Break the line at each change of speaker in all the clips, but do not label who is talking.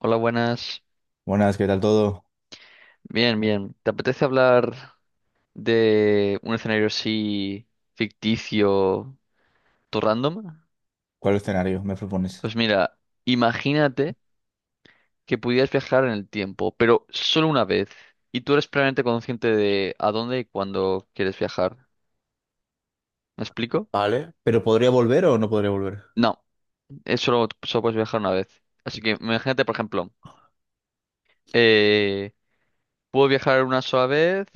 Hola, buenas.
Buenas, ¿qué tal todo?
Bien, bien. ¿Te apetece hablar de un escenario así ficticio, todo random?
¿Cuál escenario me propones?
Pues mira, imagínate que pudieras viajar en el tiempo, pero solo una vez, y tú eres plenamente consciente de a dónde y cuándo quieres viajar. ¿Me explico?
Vale, pero ¿podría volver o no podría volver?
No, es solo puedes viajar una vez. Así que imagínate, por ejemplo, eh, puedo viajar una sola vez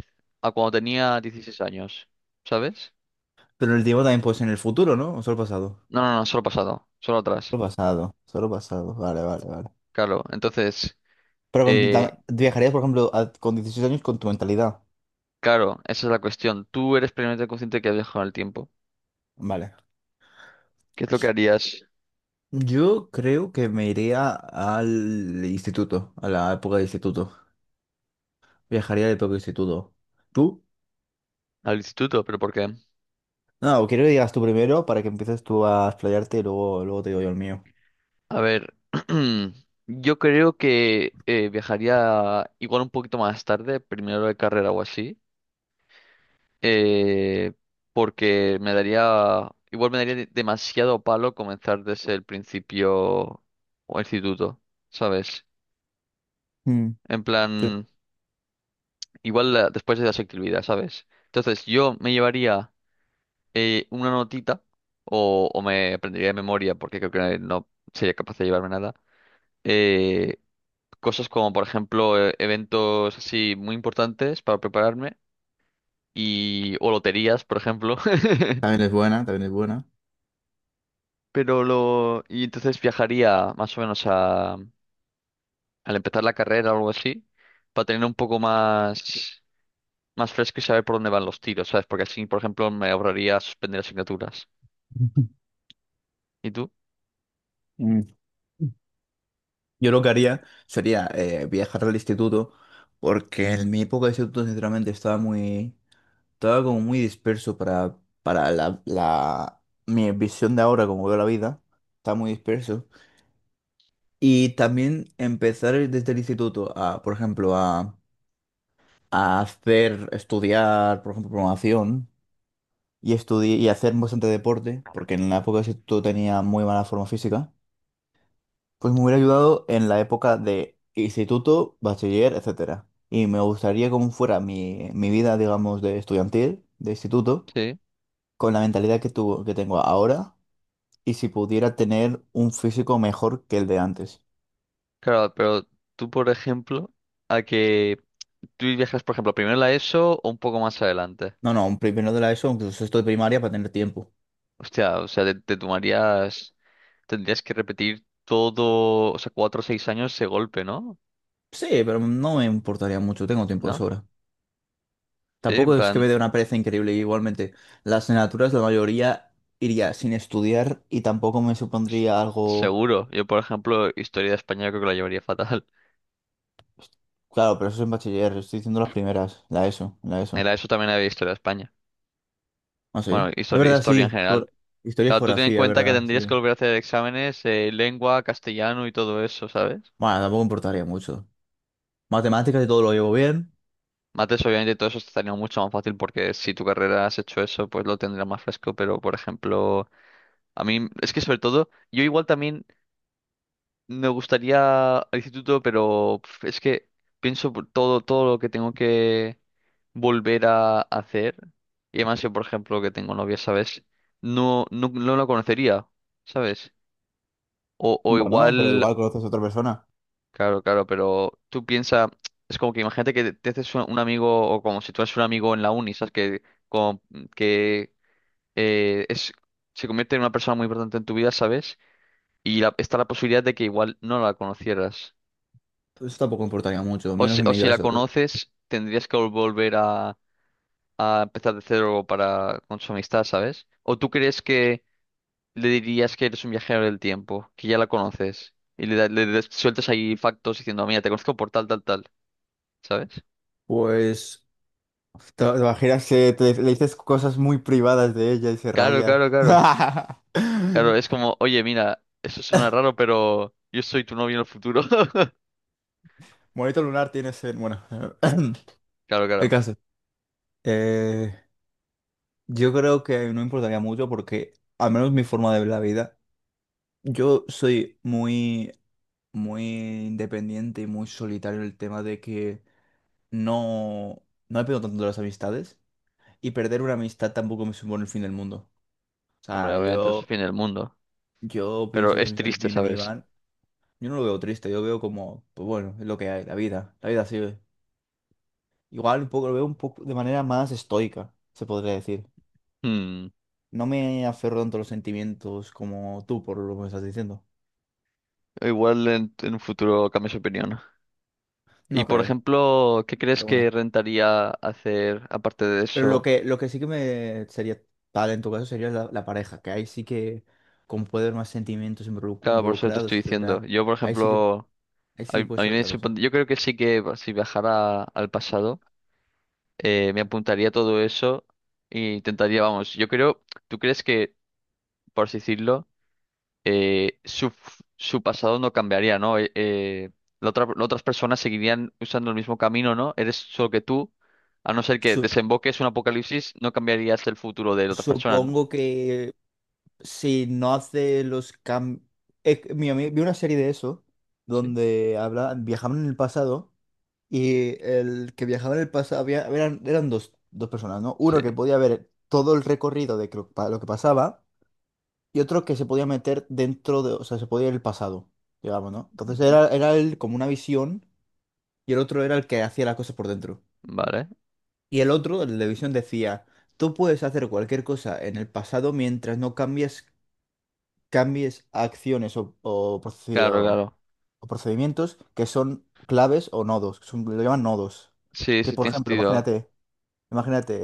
a cuando tenía 16 años, ¿sabes?
Pero el tiempo también puede ser en el futuro, ¿no? ¿O solo pasado?
No, no, no, solo pasado, solo atrás.
Solo pasado, solo pasado. Vale, vale, vale.
Claro, entonces,
Pero
eh,
viajarías, por ejemplo, con 16 años con tu mentalidad.
claro, esa es la cuestión. Tú eres plenamente consciente que has viajado en el tiempo.
Vale.
¿Qué es lo que harías
Yo creo que me iría al instituto, a la época del instituto. Viajaría a la época del instituto. ¿Tú?
al instituto? ¿Pero por qué?
No, quiero que digas tú primero para que empieces tú a explayarte y luego te digo yo el mío.
A ver, yo creo que viajaría igual un poquito más tarde, primero de carrera o así, eh, porque me daría, igual me daría demasiado palo comenzar desde el principio o instituto, ¿sabes?
Mm,
En
sí.
plan, después de las actividades, ¿sabes? Entonces, yo me llevaría una notita o me aprendería de memoria porque creo que no sería capaz de llevarme nada. eh, cosas como, por ejemplo, eventos así muy importantes para prepararme y o loterías, por ejemplo.
También es buena, también es buena.
Pero lo y entonces viajaría más o menos a al empezar la carrera o algo así para tener un poco más más fresco y saber por dónde van los tiros, ¿sabes? Porque así, por ejemplo, me ahorraría suspender asignaturas. ¿Y tú?
Mm. Yo lo que haría sería viajar al instituto, porque en mi época de instituto sinceramente estaba como muy disperso para mi visión de ahora, como veo la vida, está muy disperso. Y también empezar desde el instituto a, por ejemplo, a hacer, estudiar, por ejemplo, programación y, y hacer bastante deporte, porque en la época de instituto tenía muy mala forma física. Pues me hubiera ayudado en la época de instituto, bachiller, etcétera. Y me gustaría cómo fuera mi vida, digamos, de estudiantil, de instituto,
Sí.
con la mentalidad que tuvo, que tengo ahora, y si pudiera tener un físico mejor que el de antes.
Claro, pero tú, por ejemplo, a que tú viajas, por ejemplo, primero a la ESO o un poco más adelante.
No, no, un primero de la ESO, incluso sexto de primaria, para tener tiempo.
Hostia, o sea, te tomarías, tendrías que repetir todo, o sea, cuatro o seis años ese golpe, ¿no?
Sí, pero no me importaría mucho, tengo tiempo de
¿No?
sobra.
Sí, en
Tampoco es que me
plan,
dé una pereza increíble, igualmente. Las asignaturas, la mayoría iría sin estudiar y tampoco me
s-
supondría algo.
seguro. Yo, por ejemplo, historia de España creo que la llevaría fatal.
Claro, pero eso es en bachiller, estoy diciendo las primeras, la ESO, la
En
ESO.
la ESO también había historia de España.
Ah, sí.
Bueno,
Es
historia,
verdad,
historia en
sí.
general.
Historia y
Claro, tú ten en
geografía, es
cuenta que
verdad,
tendrías que
sí.
volver a hacer exámenes, lengua, castellano y todo eso, ¿sabes?
Bueno, tampoco importaría mucho. Matemáticas y todo lo llevo bien.
Mates, obviamente todo eso estaría mucho más fácil porque si tu carrera has hecho eso, pues lo tendrás más fresco, pero por ejemplo, a mí es que sobre todo, yo igual también me gustaría al instituto, pero pf, es que pienso por todo, todo lo que tengo que volver a hacer, y además yo por ejemplo que tengo novia, ¿sabes? No, no, no la conocería, ¿sabes? O
Bueno, pero
igual,
igual conoces a otra persona.
claro, claro, pero tú piensas, es como que imagínate que te haces un amigo o como si tú eres un amigo en la uni, ¿sabes? Que, como, que es, se convierte en una persona muy importante en tu vida, ¿sabes? Y está la posibilidad de que igual no la conocieras.
Eso tampoco importaría mucho, menos en
O
mi
si la
caso.
conoces, tendrías que volver a empezar de cero para, con su amistad, ¿sabes? ¿O tú crees que le dirías que eres un viajero del tiempo, que ya la conoces? Y le, le sueltas ahí factos diciendo, mira, te conozco por tal, tal, tal, ¿sabes?
Pues, te imaginas que le dices cosas muy privadas de ella y se
Claro,
raya.
claro, claro. Claro, es como, oye, mira, eso suena raro, pero yo soy tu novio en el futuro.
Monito lunar tienes en... Bueno,
Claro,
el
claro.
caso. Eh, yo creo que no importaría mucho porque, al menos mi forma de ver la vida. Yo soy muy, muy independiente y muy solitario en el tema de que no, no me pego tanto de las amistades y perder una amistad tampoco me supone el fin del mundo. O
Hombre,
sea,
obviamente es el
yo,
fin del mundo.
yo
Pero
pienso que las
es
amistades
triste,
vienen y
¿sabes?
van. Yo no lo veo triste, yo veo como, pues bueno, es lo que hay, la vida sigue. Igual un poco lo veo un poco de manera más estoica, se podría decir.
Hmm.
No me aferro tanto a los sentimientos como tú por lo que me estás diciendo.
Igual en un futuro cambies de opinión. Y
No
por
creo,
ejemplo, ¿qué crees
pero bueno.
que rentaría hacer aparte de
Pero lo
eso?
que, lo que sí que me sería tal en tu caso sería la pareja, que ahí sí que como puede haber más sentimientos involuc-
Claro, por eso te
involucrados,
estoy diciendo.
etcétera.
Yo, por
Ahí sí que,
ejemplo,
ahí sí que
a
puede
mí
ser
me
otra cosa.
yo creo que sí que si viajara al pasado, me apuntaría todo eso e intentaría, vamos, yo creo, ¿tú crees que, por así decirlo, su, su pasado no cambiaría, ¿no? La las otras personas seguirían usando el mismo camino, ¿no? Eres solo que tú, a no ser que
Su-
desemboques un apocalipsis, no cambiarías el futuro de las otras personas, ¿no?
supongo que si no hace los cambios. Mira, vi una serie de eso
Sí,
donde habla, viajaban en el pasado y el que viajaba en el pasado eran dos personas, ¿no? Uno
sí.
que podía ver todo el recorrido de que lo que pasaba. Y otro que se podía meter dentro de, o sea, se podía ir al pasado, digamos, ¿no? Entonces
Ujú.
era el, como una visión, y el otro era el que hacía las cosas por dentro.
Vale.
Y el otro, el de visión, decía, tú puedes hacer cualquier cosa en el pasado mientras no cambies acciones o, o proced-
Claro,
o-
claro.
o procedimientos que son claves o nodos, lo llaman nodos.
Sí,
Que
sí,
por
tiene
ejemplo,
sentido.
imagínate. Imagínate,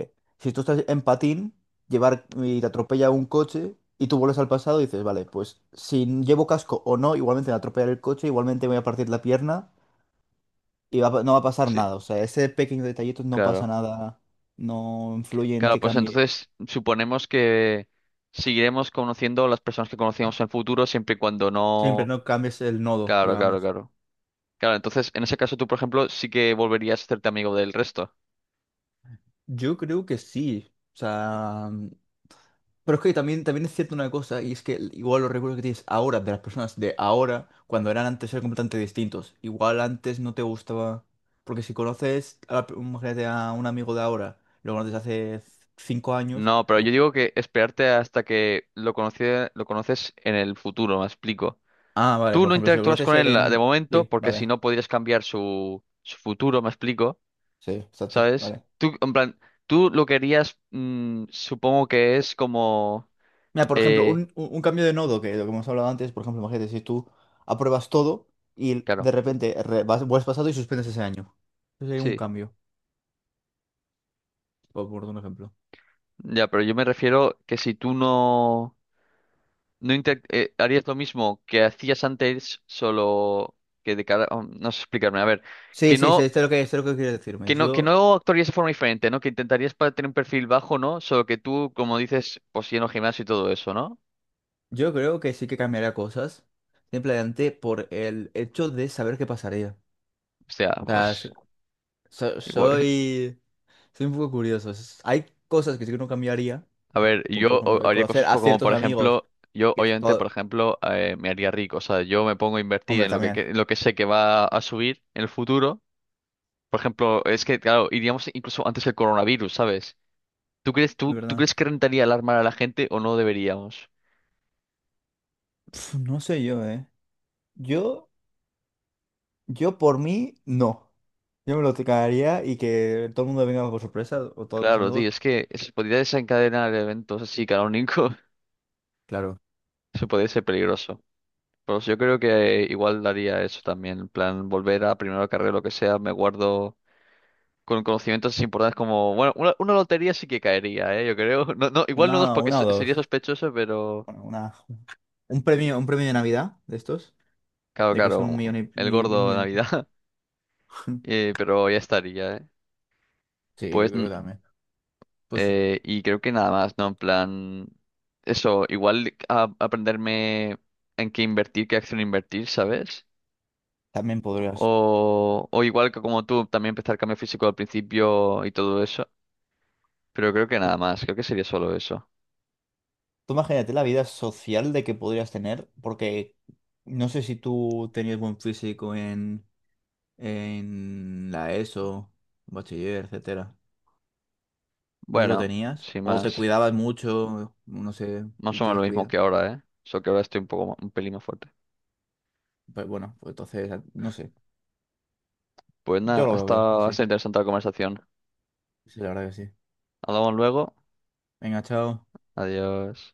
si tú estás en patín, llevar y te atropella un coche y tú vuelves al pasado y dices, vale, pues si llevo casco o no, igualmente me atropellar el coche, igualmente me voy a partir la pierna y no va a pasar
Sí,
nada. O sea, ese pequeño detallito no pasa
claro.
nada, no influye en
Claro,
que
pues
cambie.
entonces suponemos que seguiremos conociendo las personas que conocíamos en el futuro siempre y cuando
Siempre
no...
no cambies el nodo,
Claro, claro,
digamos.
claro. Claro, entonces en ese caso tú, por ejemplo, sí que volverías a hacerte amigo del resto.
Yo creo que sí. O sea, mm, pero es que también es cierto una cosa, y es que igual los recuerdos que tienes ahora de las personas de ahora, cuando eran antes, eran completamente distintos. Igual antes no te gustaba. Porque si conoces a, imagínate a un amigo de ahora, lo conoces hace 5 años.
No, pero yo digo que esperarte hasta que lo lo conoces en el futuro, me explico.
Ah, vale,
Tú
por
no
ejemplo, si lo
interactúas
conoces
con él de
en.
momento
Sí,
porque si
vale.
no podrías cambiar su, su futuro, me explico,
Sí, exacto,
¿sabes?
vale.
Tú, en plan, tú lo querías, mm, supongo que es como...
Mira, por ejemplo,
eh,
un, un cambio de nodo, que lo que hemos hablado antes, por ejemplo, imagínate, si tú apruebas todo y
claro,
de repente vas, vuelves pasado y suspendes ese año. Eso sería un
sí.
cambio, por un ejemplo.
Ya, pero yo me refiero que si tú no, no harías lo mismo que hacías antes, solo que de cara... oh, no sé explicarme, a ver.
Sí,
Que
sí, sí,
no
esto es lo que quiero decirme.
Que
Yo,
no actuarías de forma diferente, ¿no? Que intentarías para tener un perfil bajo, ¿no? Solo que tú, como dices, pues lleno gimnasio y todo eso, ¿no?
yo creo que sí que cambiaría cosas, simplemente por el hecho de saber qué pasaría.
O sea,
O sea,
pues
so-
igual.
soy, soy un poco curioso. Hay cosas que sí que no cambiaría,
A ver,
como por
yo
ejemplo,
haría
conocer
cosas
a
como,
ciertos
por
amigos,
ejemplo, yo
que es
obviamente, por
todo...
ejemplo, me haría rico. O sea, yo me pongo a invertir
Hombre,
en lo
también,
en lo que sé que va a subir en el futuro. Por ejemplo, es que, claro, iríamos incluso antes del coronavirus, ¿sabes?
de
Tú
verdad.
crees que rentaría alarmar a la gente o no deberíamos?
Pf, no sé yo, ¿eh? Yo... Yo por mí, no. Yo me lo tocaría y que todo el mundo venga por sorpresa, o todos mis
Claro, tío,
amigos.
es que se podría desencadenar eventos así canónicos.
Claro.
Eso podría ser peligroso. Pues yo creo que igual daría eso también, en plan, volver a primero de carrera, lo que sea, me guardo con conocimientos importantes como, bueno, una lotería sí que caería, ¿eh? Yo creo, no, no, igual no dos
una,
porque
una o
sería
dos.
sospechoso, pero
Bueno, un premio de Navidad de estos,
claro,
de que son un
claro,
millón y,
el
un
gordo de
millón y poco.
Navidad, Pero ya estaría, ¿eh?
Sí, yo
Pues,
creo que también. Pues
y creo que nada más, ¿no? En plan, eso, igual aprenderme en qué invertir, qué acción invertir, ¿sabes?
también podrías.
O igual que como tú, también empezar cambio físico al principio y todo eso. Pero creo que nada más, creo que sería solo eso.
Tú imagínate la vida social de que podrías tener, porque no sé si tú tenías buen físico en la ESO, bachiller, etcétera. No sé si lo
Bueno,
tenías.
sin
O te
más,
cuidabas mucho, no sé,
más
si
o
te
menos lo mismo
descuidas.
que ahora, ¿eh? Solo que ahora estoy un poco, un pelín más fuerte.
Pues bueno, pues entonces, no sé.
Pues nada,
Yo
ha
lo veo bien,
estado, ha
así.
sido interesante la conversación.
Sí, la verdad que sí.
Hablamos luego.
Venga, chao.
Adiós.